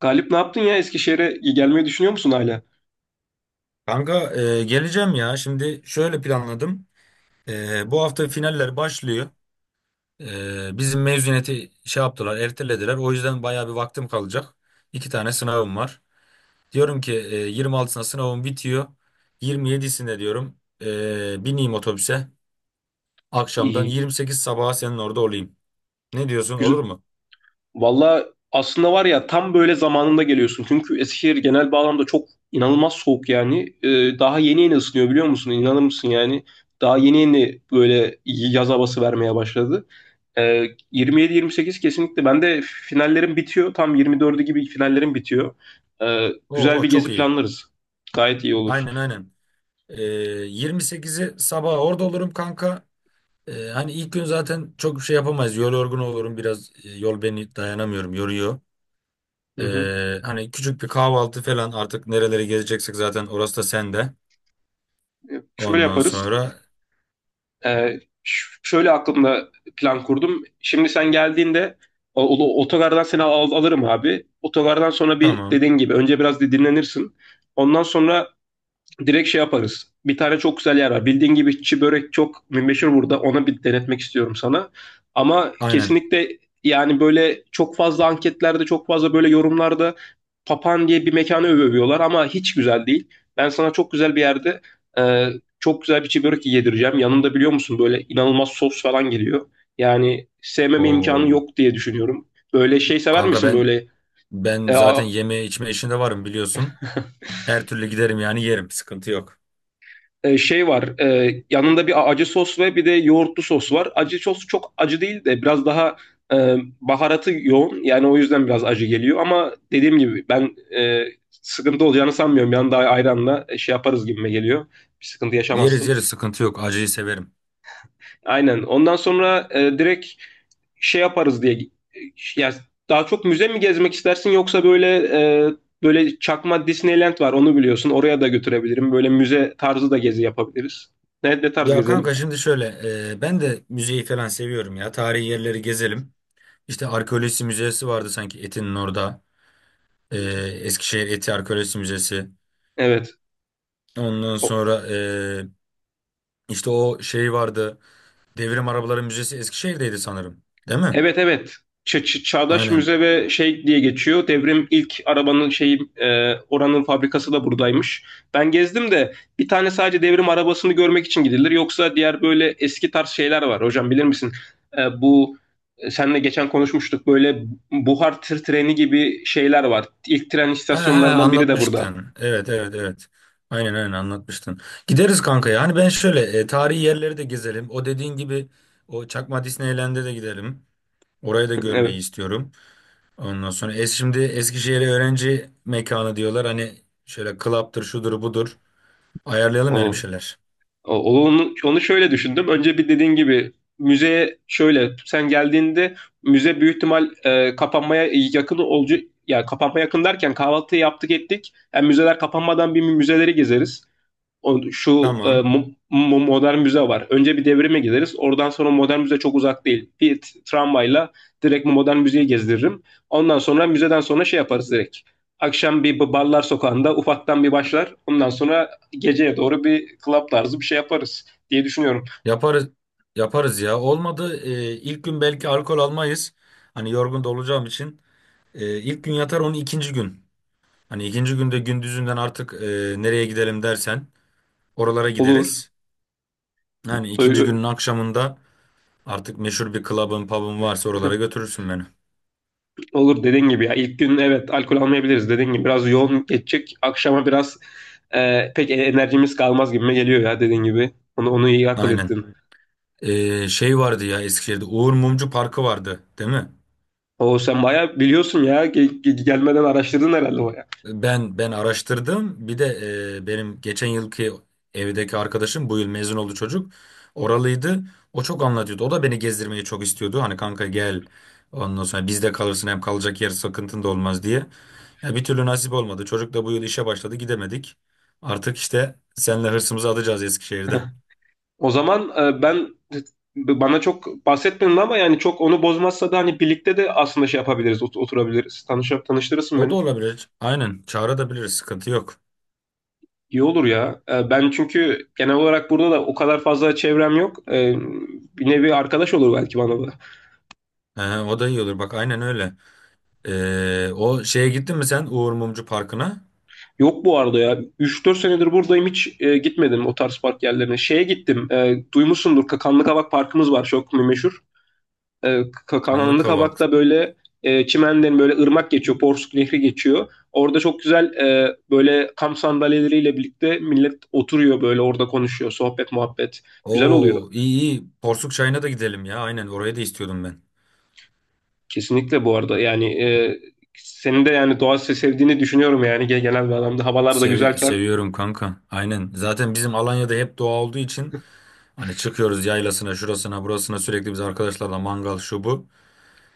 Galip ne yaptın ya? Eskişehir'e gelmeyi düşünüyor musun hala? Kanka geleceğim ya. Şimdi şöyle planladım. Bu hafta finaller başlıyor. Bizim mezuniyeti şey yaptılar, ertelediler. O yüzden bayağı bir vaktim kalacak. İki tane sınavım var. Diyorum ki 26'sında sınavım bitiyor. 27'sinde diyorum bineyim otobüse. Akşamdan İyi. 28 sabaha senin orada olayım. Ne diyorsun, Güzel. olur mu? Valla aslında var ya tam böyle zamanında geliyorsun. Çünkü Eskişehir genel bağlamda çok inanılmaz soğuk yani. Daha yeni yeni ısınıyor biliyor musun? İnanır mısın yani? Daha yeni yeni böyle yaz havası vermeye başladı. 27-28 kesinlikle. Ben de finallerim bitiyor. Tam 24'ü gibi finallerim bitiyor. Güzel Oo, bir çok gezi iyi. planlarız. Gayet iyi olur. Aynen, aynen. E, 28'i sabaha orada olurum kanka. Hani ilk gün zaten çok bir şey yapamayız. Yol yorgun olurum biraz. Yol beni dayanamıyorum, yoruyor. Hı hı. Hani küçük bir kahvaltı falan, artık nerelere gezeceksek zaten orası da sende. Şöyle Ondan yaparız. sonra Şöyle aklımda plan kurdum. Şimdi sen geldiğinde otogardan seni alırım abi. Otogardan sonra bir tamam. dediğin gibi önce biraz bir dinlenirsin. Ondan sonra direkt şey yaparız. Bir tane çok güzel yer var. Bildiğin gibi çi börek çok meşhur burada. Ona bir denetmek istiyorum sana. Ama Aynen. kesinlikle yani böyle çok fazla anketlerde, çok fazla böyle yorumlarda Papan diye bir mekanı övüyorlar ama hiç güzel değil. Ben sana çok güzel bir yerde e, çok güzel bir çi börek yedireceğim. Yanında biliyor musun böyle inanılmaz sos falan geliyor. Yani sevmeme imkanı Oo. yok diye düşünüyorum. Böyle şey sever Kanka misin ben böyle ben e, zaten a- yeme içme işinde varım, biliyorsun. Her türlü giderim yani, yerim. Sıkıntı yok. Şey var. Yanında bir acı sos ve bir de yoğurtlu sos var. Acı sos çok acı değil de biraz daha baharatı yoğun. Yani o yüzden biraz acı geliyor. Ama dediğim gibi ben sıkıntı olacağını sanmıyorum. Yanında ayranla şey yaparız gibime geliyor. Bir sıkıntı Yeriz yaşamazsın. yeriz, sıkıntı yok. Acıyı severim. Aynen. Ondan sonra direkt şey yaparız diye. Ya daha çok müze mi gezmek istersin yoksa böyle böyle çakma Disneyland var onu biliyorsun. Oraya da götürebilirim. Böyle müze tarzı da gezi yapabiliriz. Ne, ne tarz Ya gezelim? kanka, şimdi şöyle, ben de müzeyi falan seviyorum ya. Tarihi yerleri gezelim. İşte arkeoloji müzesi vardı sanki Etin'in orada. E, Eskişehir Eti Arkeolojisi Müzesi. Evet. Ondan O- sonra işte o şey vardı. Devrim Arabaları Müzesi Eskişehir'deydi sanırım. Değil mi? Evet evet. Çağdaş Aynen. Müze ve şey diye geçiyor. Devrim ilk arabanın şeyi oranın fabrikası da buradaymış. Ben gezdim de bir tane sadece devrim arabasını görmek için gidilir. Yoksa diğer böyle eski tarz şeyler var. Hocam bilir misin? Bu seninle geçen konuşmuştuk. Böyle buhar tır treni gibi şeyler var. İlk tren He he, istasyonlarından biri de burada. anlatmıştın. Evet, evet, evet. Aynen aynen, anlatmıştın. Gideriz kanka ya. Hani ben şöyle, tarihi yerleri de gezelim. O dediğin gibi o Çakma Disneyland'e de gidelim. Orayı da görmeyi Evet. istiyorum. Ondan sonra es, şimdi Eskişehir öğrenci mekanı diyorlar. Hani şöyle club'tır, şudur budur. Ayarlayalım yani bir O. şeyler. Onu, onu şöyle düşündüm. Önce bir dediğin gibi müzeye şöyle sen geldiğinde müze büyük ihtimal kapanmaya yakın olacak. Ya kapanmaya yakın derken kahvaltıyı yaptık ettik. Yani müzeler kapanmadan bir müzeleri gezeriz. o- şu e, Tamam. Modern müze var. Önce bir devrime gideriz. Oradan sonra modern müze çok uzak değil. Bir tramvayla direkt modern müzeyi gezdiririm. Ondan sonra müzeden sonra şey yaparız direkt. Akşam bir barlar sokağında ufaktan bir başlar. Ondan sonra geceye doğru bir club tarzı bir şey yaparız diye düşünüyorum. Yaparız yaparız ya. Olmadı, ilk gün belki alkol almayız. Hani yorgun da olacağım için. İlk gün yatar onun, ikinci gün. Hani ikinci günde gündüzünden artık nereye gidelim dersen oralara Olur. gideriz. Yani ikinci günün akşamında artık meşhur bir club'ın, pub'ın varsa oralara götürürsün beni. Olur dediğin gibi ya. İlk gün evet alkol almayabiliriz dediğin gibi. Biraz yoğun geçecek. Akşama biraz pek enerjimiz kalmaz gibime geliyor ya dediğin gibi. Onu, onu iyi akıl Aynen. ettin. Şey vardı ya, Eskişehir'de Uğur Mumcu Parkı vardı, değil mi? O sen bayağı biliyorsun ya. Gelmeden araştırdın herhalde bayağı. Ben araştırdım. Bir de benim geçen yılki evdeki arkadaşım bu yıl mezun oldu çocuk. Oralıydı. O çok anlatıyordu. O da beni gezdirmeyi çok istiyordu. Hani kanka gel. Ondan sonra bizde kalırsın, hem kalacak yer sıkıntın da olmaz diye. Ya bir türlü nasip olmadı. Çocuk da bu yıl işe başladı, gidemedik. Artık işte seninle hırsımızı atacağız Eskişehir'de. O zaman ben bana çok bahsetmedin ama yani çok onu bozmazsa da hani birlikte de aslında şey yapabiliriz, oturabiliriz. Tanıştırırsın O da beni. olabilir. Aynen, çağırabiliriz, sıkıntı yok. İyi olur ya. Ben çünkü genel olarak burada da o kadar fazla çevrem yok. Bir nevi arkadaş olur belki bana da. O da iyi olur bak, aynen öyle. O şeye gittin mi sen, Uğur Mumcu Parkı'na? Yok bu arada ya. Üç dört senedir buradayım hiç gitmedim o tarz park yerlerine. Şeye gittim. Duymuşsundur Kakanlı Kavak Parkımız var çok meşhur. E, Kananlı Kanlıkavak. Kabak'ta böyle çimenlerin böyle ırmak geçiyor, Porsuk Nehri geçiyor. Orada çok güzel böyle kamp sandalyeleriyle birlikte millet oturuyor böyle orada konuşuyor, sohbet muhabbet. Güzel oluyor. Oo, iyi iyi. Porsuk çayına da gidelim ya. Aynen, oraya da istiyordum ben. Kesinlikle bu arada yani senin de yani doğa sevdiğini düşünüyorum yani genel bir adamda. Havalar da güzelken. Seviyorum kanka. Aynen. Zaten bizim Alanya'da hep doğa olduğu için hani çıkıyoruz yaylasına, şurasına, burasına sürekli, biz arkadaşlarla mangal şu bu.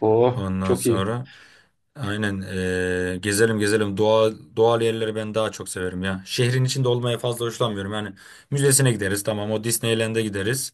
Oh Ondan çok iyi. sonra aynen, gezelim gezelim. Doğa, doğal yerleri ben daha çok severim ya. Şehrin içinde olmaya fazla hoşlanmıyorum. Yani müzesine gideriz tamam, o Disneyland'e gideriz.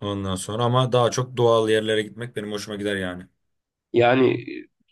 Ondan sonra ama daha çok doğal yerlere gitmek benim hoşuma gider yani. Yani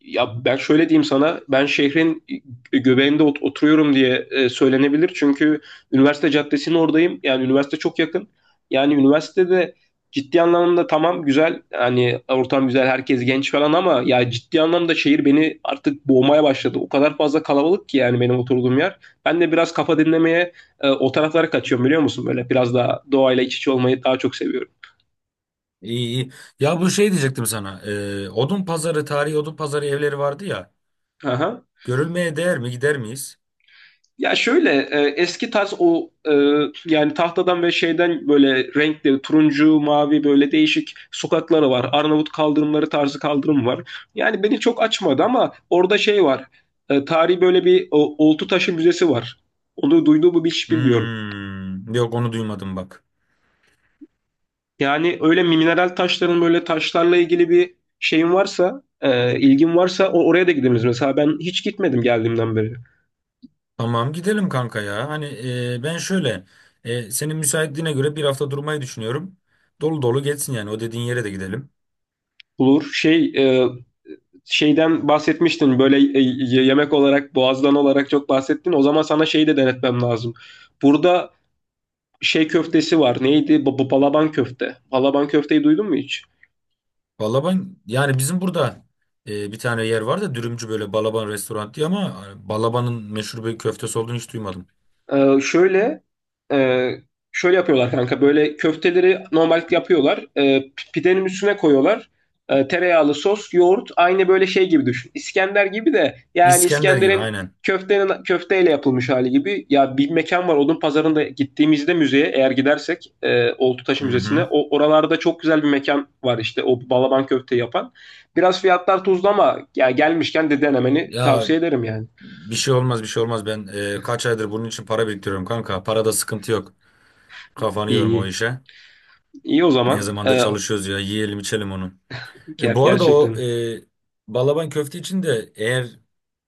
ya ben şöyle diyeyim sana, ben şehrin göbeğinde oturuyorum diye söylenebilir. Çünkü üniversite caddesinin oradayım. Yani üniversite çok yakın. Yani üniversitede ciddi anlamda tamam güzel. Hani ortam güzel, herkes genç falan ama ya ciddi anlamda şehir beni artık boğmaya başladı. O kadar fazla kalabalık ki yani benim oturduğum yer. Ben de biraz kafa dinlemeye o taraflara kaçıyorum biliyor musun? Böyle biraz daha doğayla iç içe olmayı daha çok seviyorum. İyi iyi. Ya bu şey diyecektim sana. Odun pazarı, tarihi odun pazarı evleri vardı ya. Aha. Görülmeye değer mi? Gider miyiz? Ya şöyle eski tarz yani tahtadan ve şeyden böyle renkli turuncu, mavi böyle değişik sokakları var. Arnavut kaldırımları tarzı kaldırım var. Yani beni çok açmadı ama orada şey var. Tarihi böyle bir oltu taşı müzesi var. Onu duyduğumu mu hiç bilmiyorum. Hmm, yok, onu duymadım bak. Yani öyle mineral taşların böyle taşlarla ilgili bir şeyin varsa, ilgin varsa oraya da gidebiliriz. Mesela ben hiç gitmedim geldiğimden beri. Tamam, gidelim kanka ya. Hani ben şöyle, senin müsaitliğine göre bir hafta durmayı düşünüyorum. Dolu dolu geçsin yani, o dediğin yere de gidelim. Olur. Şey e, şeyden bahsetmiştin böyle yemek olarak boğazdan olarak çok bahsettin. O zaman sana şeyi de denetmem lazım. Burada şey köftesi var. Neydi? Bu balaban köfte. Balaban köfteyi duydun mu hiç? Vallahi ben yani bizim burada bir tane yer var da, dürümcü, böyle Balaban restoran diye, ama Balaban'ın meşhur bir köftesi olduğunu hiç duymadım. Şöyle e, şöyle yapıyorlar kanka. Böyle köfteleri normal yapıyorlar. Pidenin üstüne koyuyorlar. Tereyağlı sos, yoğurt aynı böyle şey gibi düşün. İskender gibi de yani İskender gibi, İskender'in aynen. köftenin köfteyle yapılmış hali gibi. Ya bir mekan var Odun Pazarı'nda gittiğimizde müzeye eğer gidersek Oltutaş Hı Müzesi'ne hı. o oralarda çok güzel bir mekan var işte o balaban köfte yapan. Biraz fiyatlar tuzlu ama ya gelmişken de denemeni Ya, tavsiye ederim yani. bir şey olmaz, bir şey olmaz. Ben kaç aydır bunun için para biriktiriyorum kanka. Parada sıkıntı yok. Kafanı İyi yorma o iyi. işe. İyi o Ne zaman. zamandır çalışıyoruz ya. Yiyelim içelim onu. Bu arada o Gerçekten. e, balaban köfte için de, eğer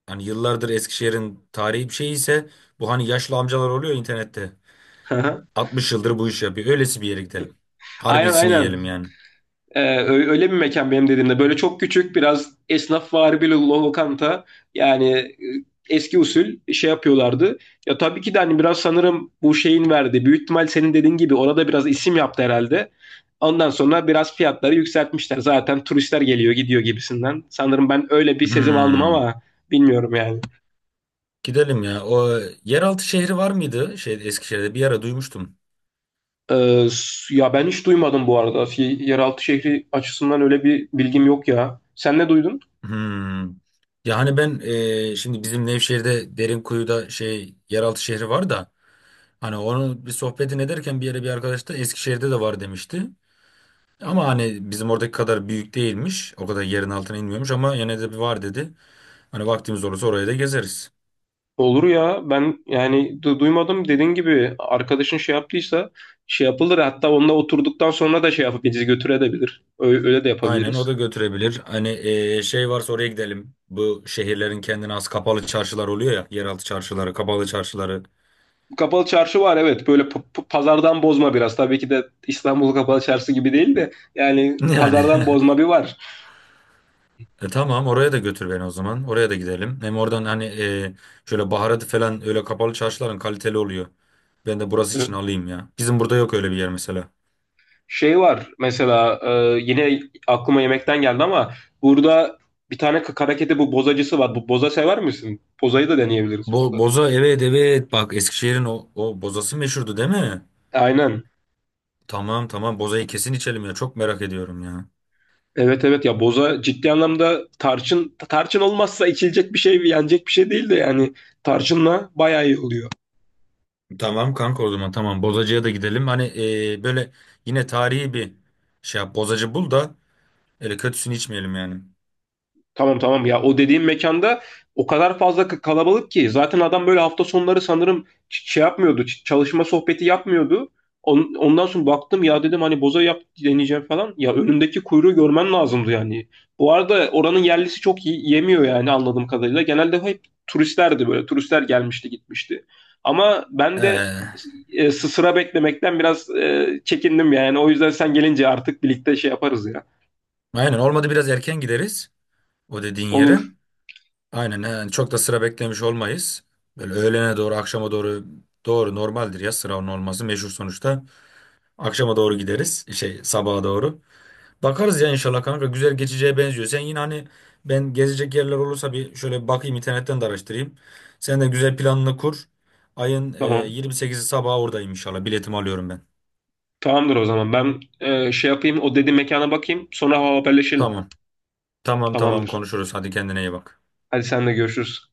hani yıllardır Eskişehir'in tarihi bir şey ise, bu hani yaşlı amcalar oluyor internette. 60 yıldır bu işi yapıyor. Öylesi bir yere gidelim. Aynen Harbisini aynen. yiyelim yani. Öyle bir mekan benim dediğimde. Böyle çok küçük, biraz esnafvari bir lokanta. Yani eski usul şey yapıyorlardı. Ya tabii ki de hani biraz sanırım bu şeyin verdi. Büyük ihtimal senin dediğin gibi orada biraz isim yaptı herhalde. Ondan sonra biraz fiyatları yükseltmişler. Zaten turistler geliyor gidiyor gibisinden. Sanırım ben öyle bir sezim aldım Hmm. ama bilmiyorum yani. Gidelim ya. O yeraltı şehri var mıydı? Şey, Eskişehir'de bir ara duymuştum. Ya ben hiç duymadım bu arada. Yeraltı şehri açısından öyle bir bilgim yok ya. Sen ne duydun? Hmm. Yani ben şimdi bizim Nevşehir'de Derinkuyu'da şey yeraltı şehri var da, hani onun bir sohbetini ederken bir yere, bir arkadaş da Eskişehir'de de var demişti. Ama hani bizim oradaki kadar büyük değilmiş. O kadar yerin altına inmiyormuş, ama yine de bir var dedi. Hani vaktimiz olursa oraya da gezeriz. Olur ya ben yani duymadım dediğin gibi arkadaşın şey yaptıysa şey yapılır hatta onunla oturduktan sonra da şey yapıp bizi götürebilir. Öyle, öyle de Aynen, yapabiliriz. o da götürebilir. Hani şey varsa oraya gidelim. Bu şehirlerin kendine has kapalı çarşılar oluyor ya. Yeraltı çarşıları, kapalı çarşıları. Kapalı çarşı var evet böyle pazardan bozma biraz tabii ki de İstanbul Kapalı Çarşı gibi değil de yani Yani. pazardan bozma bir var. E tamam, oraya da götür beni o zaman. Oraya da gidelim. Hem oradan hani şöyle baharatı falan, öyle kapalı çarşıların kaliteli oluyor. Ben de burası için alayım ya. Bizim burada yok öyle bir yer mesela. Şey var mesela yine aklıma yemekten geldi ama burada bir tane kakaraketi bu bozacısı var. Bu boza sever misin? Bozayı da deneyebiliriz burada. Boza, evet evet, bak Eskişehir'in o, o bozası meşhurdu, değil mi? Aynen. Tamam tamam, bozayı kesin içelim ya, çok merak ediyorum ya. Evet evet ya boza ciddi anlamda tarçın tarçın olmazsa içilecek bir şey yenecek bir şey değil de yani tarçınla bayağı iyi oluyor. Tamam kanka, o zaman tamam, bozacıya da gidelim. Hani böyle yine tarihi bir şey yap, bozacı bul da öyle kötüsünü içmeyelim yani. Tamam tamam ya o dediğim mekanda o kadar fazla kalabalık ki zaten adam böyle hafta sonları sanırım şey yapmıyordu çalışma sohbeti yapmıyordu. Ondan sonra baktım ya dedim hani boza yap deneyeceğim falan. Ya önündeki kuyruğu görmen lazımdı yani. Bu arada oranın yerlisi çok iyi yemiyor yani anladığım kadarıyla. Genelde hep turistlerdi böyle turistler gelmişti gitmişti. Ama ben de Ee, sıra beklemekten biraz çekindim yani. O yüzden sen gelince artık birlikte şey yaparız ya. aynen, olmadı biraz erken gideriz o dediğin Olur yere. Aynen yani, çok da sıra beklemiş olmayız. Böyle öğlene doğru, akşama doğru, doğru normaldir ya, sıra onun olması meşhur sonuçta. Akşama doğru gideriz, şey, sabaha doğru. Bakarız ya, inşallah kanka güzel geçeceğe benziyor. Sen yine hani, ben gezecek yerler olursa bir şöyle bir bakayım, internetten de araştırayım. Sen de güzel planını kur. Ayın tamam. 28'i sabah oradayım inşallah, biletimi alıyorum ben. Tamamdır o zaman. Ben şey yapayım, o dediğin mekana bakayım. Sonra haberleşelim. Tamam tamam, Tamamdır. konuşuruz, hadi kendine iyi bak. Hadi senle görüşürüz.